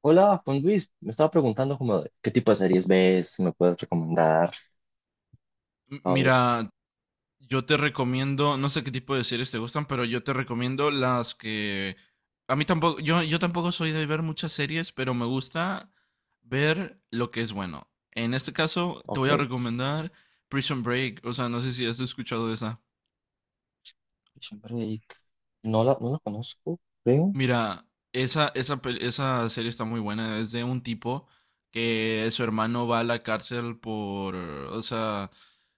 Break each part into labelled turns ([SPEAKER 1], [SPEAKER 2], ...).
[SPEAKER 1] Hola, Juan Luis. Me estaba preguntando como de qué tipo de series ves, si me puedes recomendar.
[SPEAKER 2] M-
[SPEAKER 1] A ver,
[SPEAKER 2] Mira, yo te recomiendo, no sé qué tipo de series te gustan, pero yo te recomiendo las que A mí tampoco, yo tampoco soy de ver muchas series, pero me gusta ver lo que es bueno. En este caso, te voy a
[SPEAKER 1] ok.
[SPEAKER 2] recomendar Prison Break. O sea, no sé si has escuchado de esa.
[SPEAKER 1] Prison Break. No la conozco, creo.
[SPEAKER 2] Mira, esa serie está muy buena. Es de un tipo que su hermano va a la cárcel por, o sea,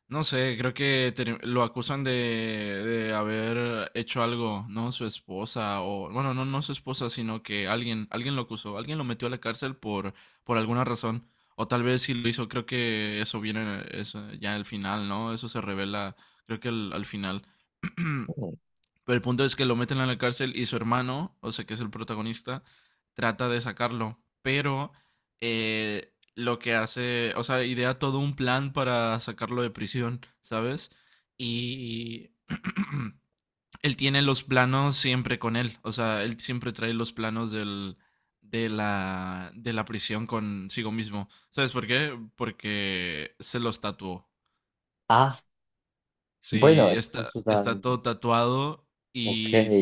[SPEAKER 2] no sé, lo acusan de haber hecho algo, ¿no? Su esposa, o bueno, no, no su esposa, sino que alguien, alguien lo acusó, alguien lo metió a la cárcel por alguna razón. O tal vez si lo hizo, creo que eso viene eso, ya al final, ¿no? Eso se revela, creo que al final.
[SPEAKER 1] Mm.
[SPEAKER 2] Pero el punto es que lo meten en la cárcel y su hermano, o sea, que es el protagonista, trata de sacarlo. Pero lo que hace, o sea, idea todo un plan para sacarlo de prisión, ¿sabes? Y él tiene los planos siempre con él, o sea, él siempre trae los planos de la prisión consigo mismo. ¿Sabes por qué? Porque se los tatuó.
[SPEAKER 1] Ah,
[SPEAKER 2] Sí,
[SPEAKER 1] bueno, es verdad.
[SPEAKER 2] está todo tatuado
[SPEAKER 1] Ok,
[SPEAKER 2] y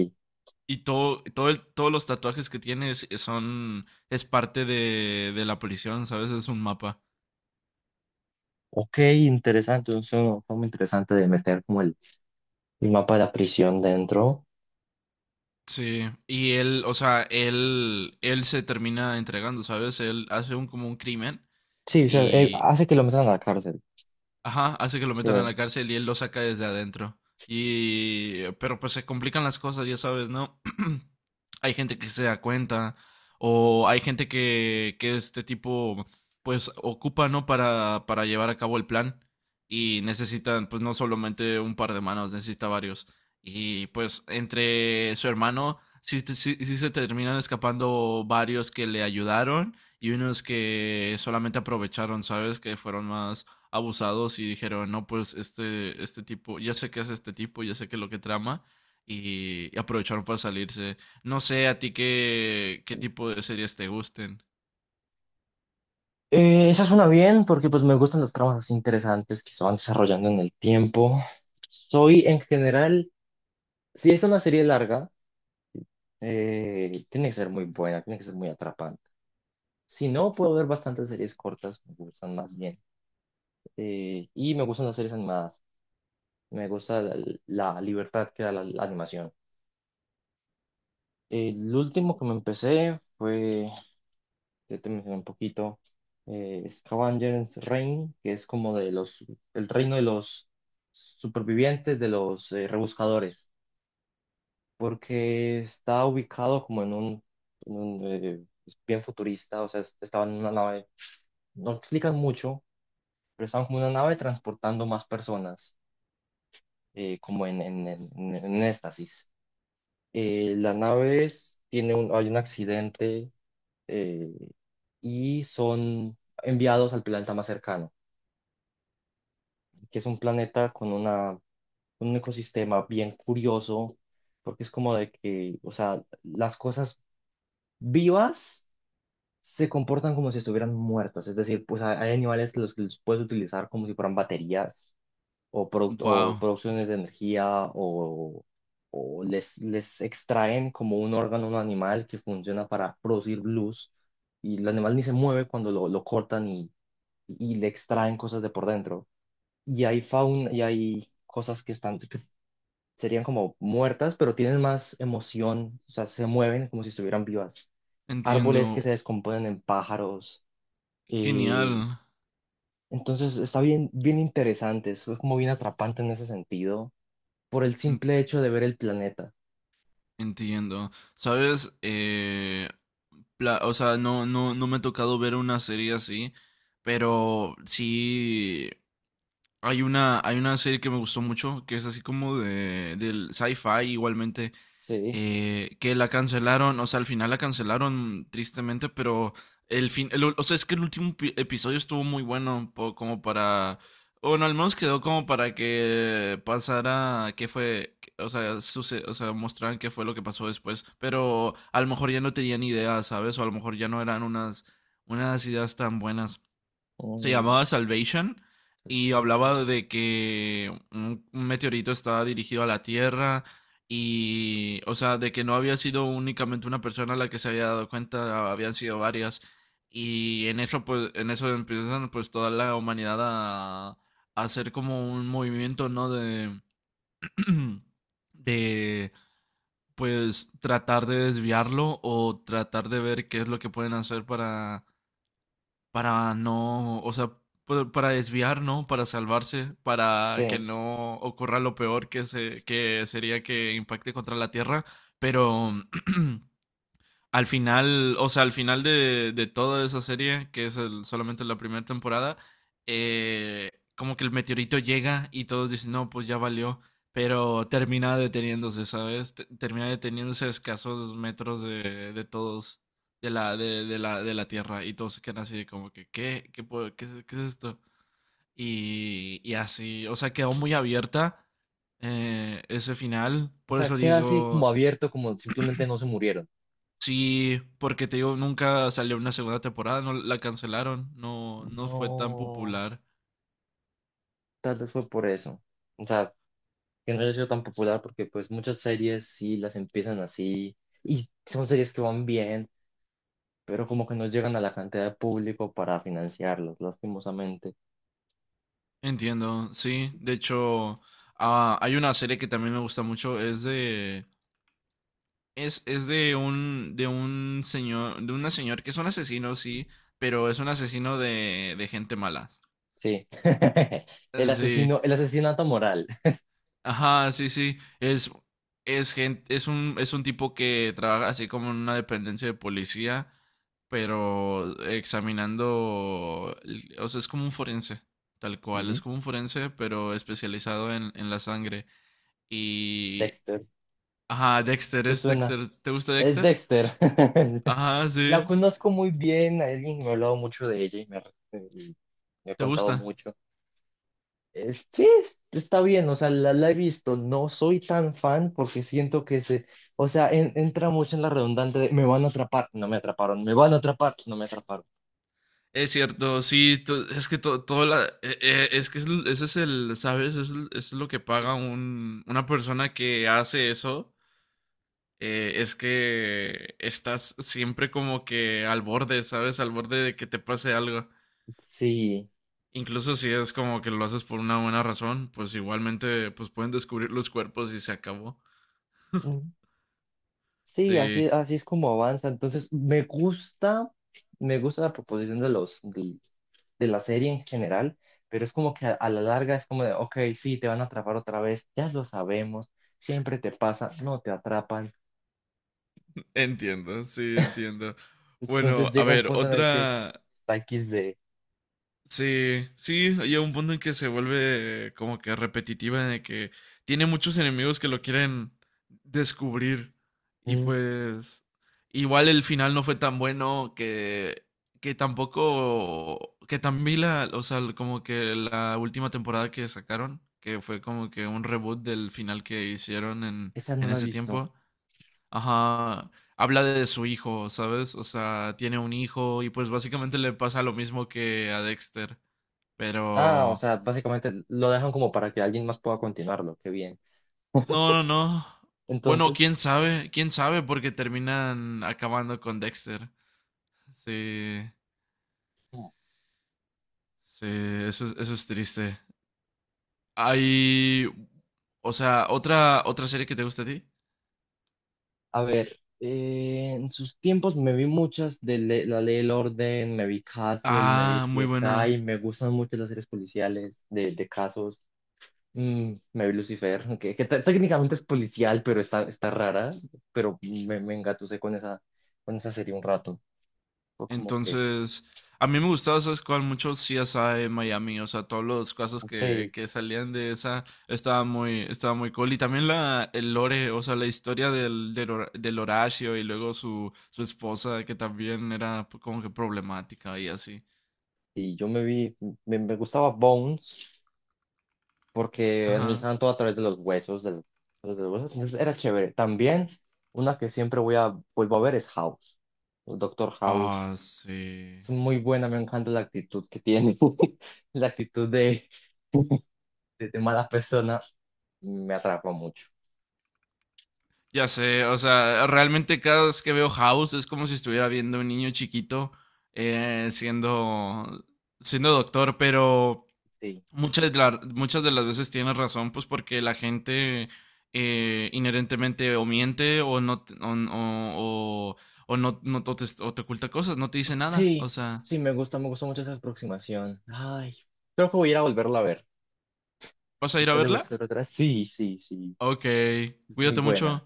[SPEAKER 2] y todos los tatuajes que tienes son, es parte de la prisión, ¿sabes? Es un mapa.
[SPEAKER 1] ok, interesante. Es una forma interesante de meter como el mapa de la prisión dentro.
[SPEAKER 2] Sí. Y él, o sea, él se termina entregando, ¿sabes? Él hace un como un crimen
[SPEAKER 1] Sí, o sea,
[SPEAKER 2] y,
[SPEAKER 1] hace que lo metan a la cárcel.
[SPEAKER 2] ajá, hace que lo metan a la
[SPEAKER 1] Sí.
[SPEAKER 2] cárcel y él lo saca desde adentro. Pero pues se complican las cosas, ya sabes, ¿no? Hay gente que se da cuenta o hay gente que este tipo pues ocupa, ¿no? Para llevar a cabo el plan y necesitan pues no solamente un par de manos, necesita varios. Y pues entre su hermano sí, sí se terminan escapando varios que le ayudaron y unos que solamente aprovecharon, ¿sabes? Que fueron más abusados y dijeron, no, pues este tipo, ya sé qué es este tipo, ya sé qué es lo que trama, y aprovecharon para salirse. No sé a ti qué, qué tipo de series te gusten.
[SPEAKER 1] Esa suena bien porque pues me gustan las tramas así interesantes que se van desarrollando en el tiempo. Soy en general, si es una serie larga. Tiene que ser muy buena, tiene que ser muy atrapante. Si no, puedo ver bastantes series cortas, me gustan más bien. Y me gustan las series animadas, me gusta la, la libertad que da la, la animación. El último que me empecé fue, ya te mencioné un poquito, Scavenger's Reign, que es como de los, el reino de los supervivientes, de los rebuscadores, porque está ubicado como en un, bien futurista, o sea, estaba en una nave no explican mucho, pero están como una nave transportando más personas, como en éxtasis. La nave tiene un, hay un accidente eh, y son enviados al planeta más cercano, que es un planeta con una, un ecosistema bien curioso, porque es como de que, o sea, las cosas vivas se comportan como si estuvieran muertas, es decir, pues hay animales los que los puedes utilizar como si fueran baterías o, o
[SPEAKER 2] Wow,
[SPEAKER 1] producciones de energía o les extraen como un órgano a un animal que funciona para producir luz y el animal ni se mueve cuando lo cortan y le extraen cosas de por dentro. Y hay fauna y hay cosas que están, que serían como muertas, pero tienen más emoción, o sea, se mueven como si estuvieran vivas. Árboles que se
[SPEAKER 2] entiendo.
[SPEAKER 1] descomponen en pájaros. eh,
[SPEAKER 2] Genial.
[SPEAKER 1] entonces está bien, bien interesante, es como bien atrapante en ese sentido por el
[SPEAKER 2] En-
[SPEAKER 1] simple hecho de ver el planeta.
[SPEAKER 2] Entiendo. Sabes, o sea, no me ha tocado ver una serie así, pero sí hay una serie que me gustó mucho, que es así como de, del sci-fi igualmente,
[SPEAKER 1] Sí.
[SPEAKER 2] que la cancelaron, o sea, al final la cancelaron tristemente, pero o sea, es que el último episodio estuvo muy bueno, como para, bueno, al menos quedó como para que pasara, o sea, o sea, mostraran qué fue lo que pasó después, pero a lo mejor ya no tenían ideas, ¿sabes? O a lo mejor ya no eran unas ideas tan buenas. Se
[SPEAKER 1] Oh,
[SPEAKER 2] llamaba Salvation y
[SPEAKER 1] Salvation.
[SPEAKER 2] hablaba de que un meteorito estaba dirigido a la Tierra y, o sea, de que no había sido únicamente una persona la que se había dado cuenta, habían sido varias. Y en eso, pues, en eso empiezan, pues, toda la humanidad a hacer como un movimiento, ¿no? De, de, pues, tratar de desviarlo o tratar de ver qué es lo que pueden hacer para no, o sea, para desviar, ¿no? Para salvarse, para que
[SPEAKER 1] Sí.
[SPEAKER 2] no ocurra lo peor que sería que impacte contra la Tierra, pero al final, o sea, al final de toda esa serie, que es solamente la primera temporada, como que el meteorito llega y todos dicen, no, pues ya valió, pero termina deteniéndose, ¿sabes? Termina deteniéndose a escasos metros de todos, de la Tierra, y todos se quedan así de como que, ¿qué? ¿Qué es esto? Y así, o sea, quedó muy abierta ese final,
[SPEAKER 1] O
[SPEAKER 2] por
[SPEAKER 1] sea,
[SPEAKER 2] eso
[SPEAKER 1] queda así como
[SPEAKER 2] digo.
[SPEAKER 1] abierto, como simplemente no se murieron.
[SPEAKER 2] Sí, porque te digo, nunca salió una segunda temporada, no la cancelaron, no, no fue tan
[SPEAKER 1] No,
[SPEAKER 2] popular.
[SPEAKER 1] tal vez fue por eso. O sea, que no haya sido tan popular porque pues muchas series sí las empiezan así y son series que van bien, pero como que no llegan a la cantidad de público para financiarlas, lastimosamente.
[SPEAKER 2] Entiendo, sí. De hecho, ah, hay una serie que también me gusta mucho, es de un señor, de una señora que es un asesino, sí, pero es un asesino de gente mala.
[SPEAKER 1] Sí. El
[SPEAKER 2] Sí,
[SPEAKER 1] asesino, el asesinato moral.
[SPEAKER 2] ajá, sí, sí. Es gente, es un tipo que trabaja así como en una dependencia de policía, pero examinando, o sea, es como un forense, tal cual, es
[SPEAKER 1] Ujú.
[SPEAKER 2] como un forense, pero especializado en la sangre. Y,
[SPEAKER 1] Dexter.
[SPEAKER 2] ajá, Dexter,
[SPEAKER 1] ¿Te
[SPEAKER 2] es
[SPEAKER 1] suena?
[SPEAKER 2] Dexter, ¿te gusta
[SPEAKER 1] Es
[SPEAKER 2] Dexter?
[SPEAKER 1] Dexter.
[SPEAKER 2] Ajá,
[SPEAKER 1] La
[SPEAKER 2] sí,
[SPEAKER 1] conozco muy bien, alguien me ha hablado mucho de ella y me ha
[SPEAKER 2] ¿te
[SPEAKER 1] contado
[SPEAKER 2] gusta?
[SPEAKER 1] mucho. Sí, está bien, o sea, la he visto. No soy tan fan porque siento que se, o sea, entra mucho en la redundante de me van a atrapar, no me atraparon, me van a atrapar, no me atraparon.
[SPEAKER 2] Es cierto, sí, es que todo la, es que ese es el, ¿sabes? Es lo que paga un, una persona que hace eso es que estás siempre como que al borde, ¿sabes? Al borde de que te pase algo.
[SPEAKER 1] Sí.
[SPEAKER 2] Incluso si es como que lo haces por una buena razón, pues igualmente pues pueden descubrir los cuerpos y se acabó.
[SPEAKER 1] Sí, así,
[SPEAKER 2] Sí,
[SPEAKER 1] así es como avanza. Entonces, me gusta la proposición de los, de la serie en general, pero es como que a la larga es como de, ok, sí, te van a atrapar otra vez, ya lo sabemos, siempre te pasa, no te atrapan.
[SPEAKER 2] entiendo, sí, entiendo.
[SPEAKER 1] Entonces
[SPEAKER 2] Bueno, a
[SPEAKER 1] llega un
[SPEAKER 2] ver,
[SPEAKER 1] punto en el que
[SPEAKER 2] otra.
[SPEAKER 1] es está X de,
[SPEAKER 2] Sí, sí, llega un punto en que se vuelve como que repetitiva, de que tiene muchos enemigos que lo quieren descubrir. Y
[SPEAKER 1] mm,
[SPEAKER 2] pues, igual el final no fue tan bueno que tampoco, que también la, o sea, como que la última temporada que sacaron, que fue como que un reboot del final que hicieron
[SPEAKER 1] esa no
[SPEAKER 2] en
[SPEAKER 1] la he
[SPEAKER 2] ese
[SPEAKER 1] visto.
[SPEAKER 2] tiempo, ajá, habla de su hijo, ¿sabes? O sea, tiene un hijo y pues básicamente le pasa lo mismo que a Dexter.
[SPEAKER 1] Ah, o
[SPEAKER 2] Pero.
[SPEAKER 1] sea, básicamente lo dejan como para que alguien más pueda continuarlo, qué bien.
[SPEAKER 2] No, no, no. Bueno,
[SPEAKER 1] Entonces...
[SPEAKER 2] quién sabe, porque terminan acabando con Dexter. Sí,
[SPEAKER 1] mm,
[SPEAKER 2] sí, eso, eso es triste. Hay. O sea, otra, otra serie que te gusta a ti.
[SPEAKER 1] a ver, en sus tiempos me vi muchas de La Ley del Orden, me vi Castle, me vi
[SPEAKER 2] Ah, muy
[SPEAKER 1] CSI,
[SPEAKER 2] buena.
[SPEAKER 1] me gustan mucho las series policiales de casos. Mm, me vi Lucifer, técnicamente es policial, pero está, está rara, pero me engatusé con esa serie un rato. Fue como que,
[SPEAKER 2] Entonces, a mí me gustaba, ¿sabes cuál? Mucho CSI en Miami, o sea, todos los casos
[SPEAKER 1] no sé,
[SPEAKER 2] que salían de esa, estaba muy cool. Y también la, el lore, o sea, la historia del, del Horacio y luego su, su esposa, que también era como que problemática y así.
[SPEAKER 1] y yo me vi, me gustaba Bones, porque
[SPEAKER 2] Ajá.
[SPEAKER 1] analizaban todo a través de los huesos, entonces era chévere. También una que siempre voy a, vuelvo a ver es House, el Doctor House.
[SPEAKER 2] Ah, sí.
[SPEAKER 1] Es muy buena, me encanta la actitud que tiene, la actitud de mala persona, me atrapa mucho.
[SPEAKER 2] Ya sé, o sea, realmente cada vez que veo House es como si estuviera viendo un niño chiquito siendo, siendo doctor, pero...
[SPEAKER 1] Sí.
[SPEAKER 2] Muchas, muchas de las veces tienes razón, pues porque la gente inherentemente o miente o no te- o no, no te, o te oculta cosas, no te dice nada. O
[SPEAKER 1] Sí,
[SPEAKER 2] sea,
[SPEAKER 1] sí, me gusta mucho esa aproximación. Ay, creo que voy a ir a volverla a ver.
[SPEAKER 2] ¿vas a ir a
[SPEAKER 1] ¿Vas de
[SPEAKER 2] verla?
[SPEAKER 1] buscar otra? Sí, sí, sí,
[SPEAKER 2] Ok,
[SPEAKER 1] muy
[SPEAKER 2] cuídate
[SPEAKER 1] buena.
[SPEAKER 2] mucho.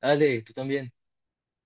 [SPEAKER 1] Dale, tú también.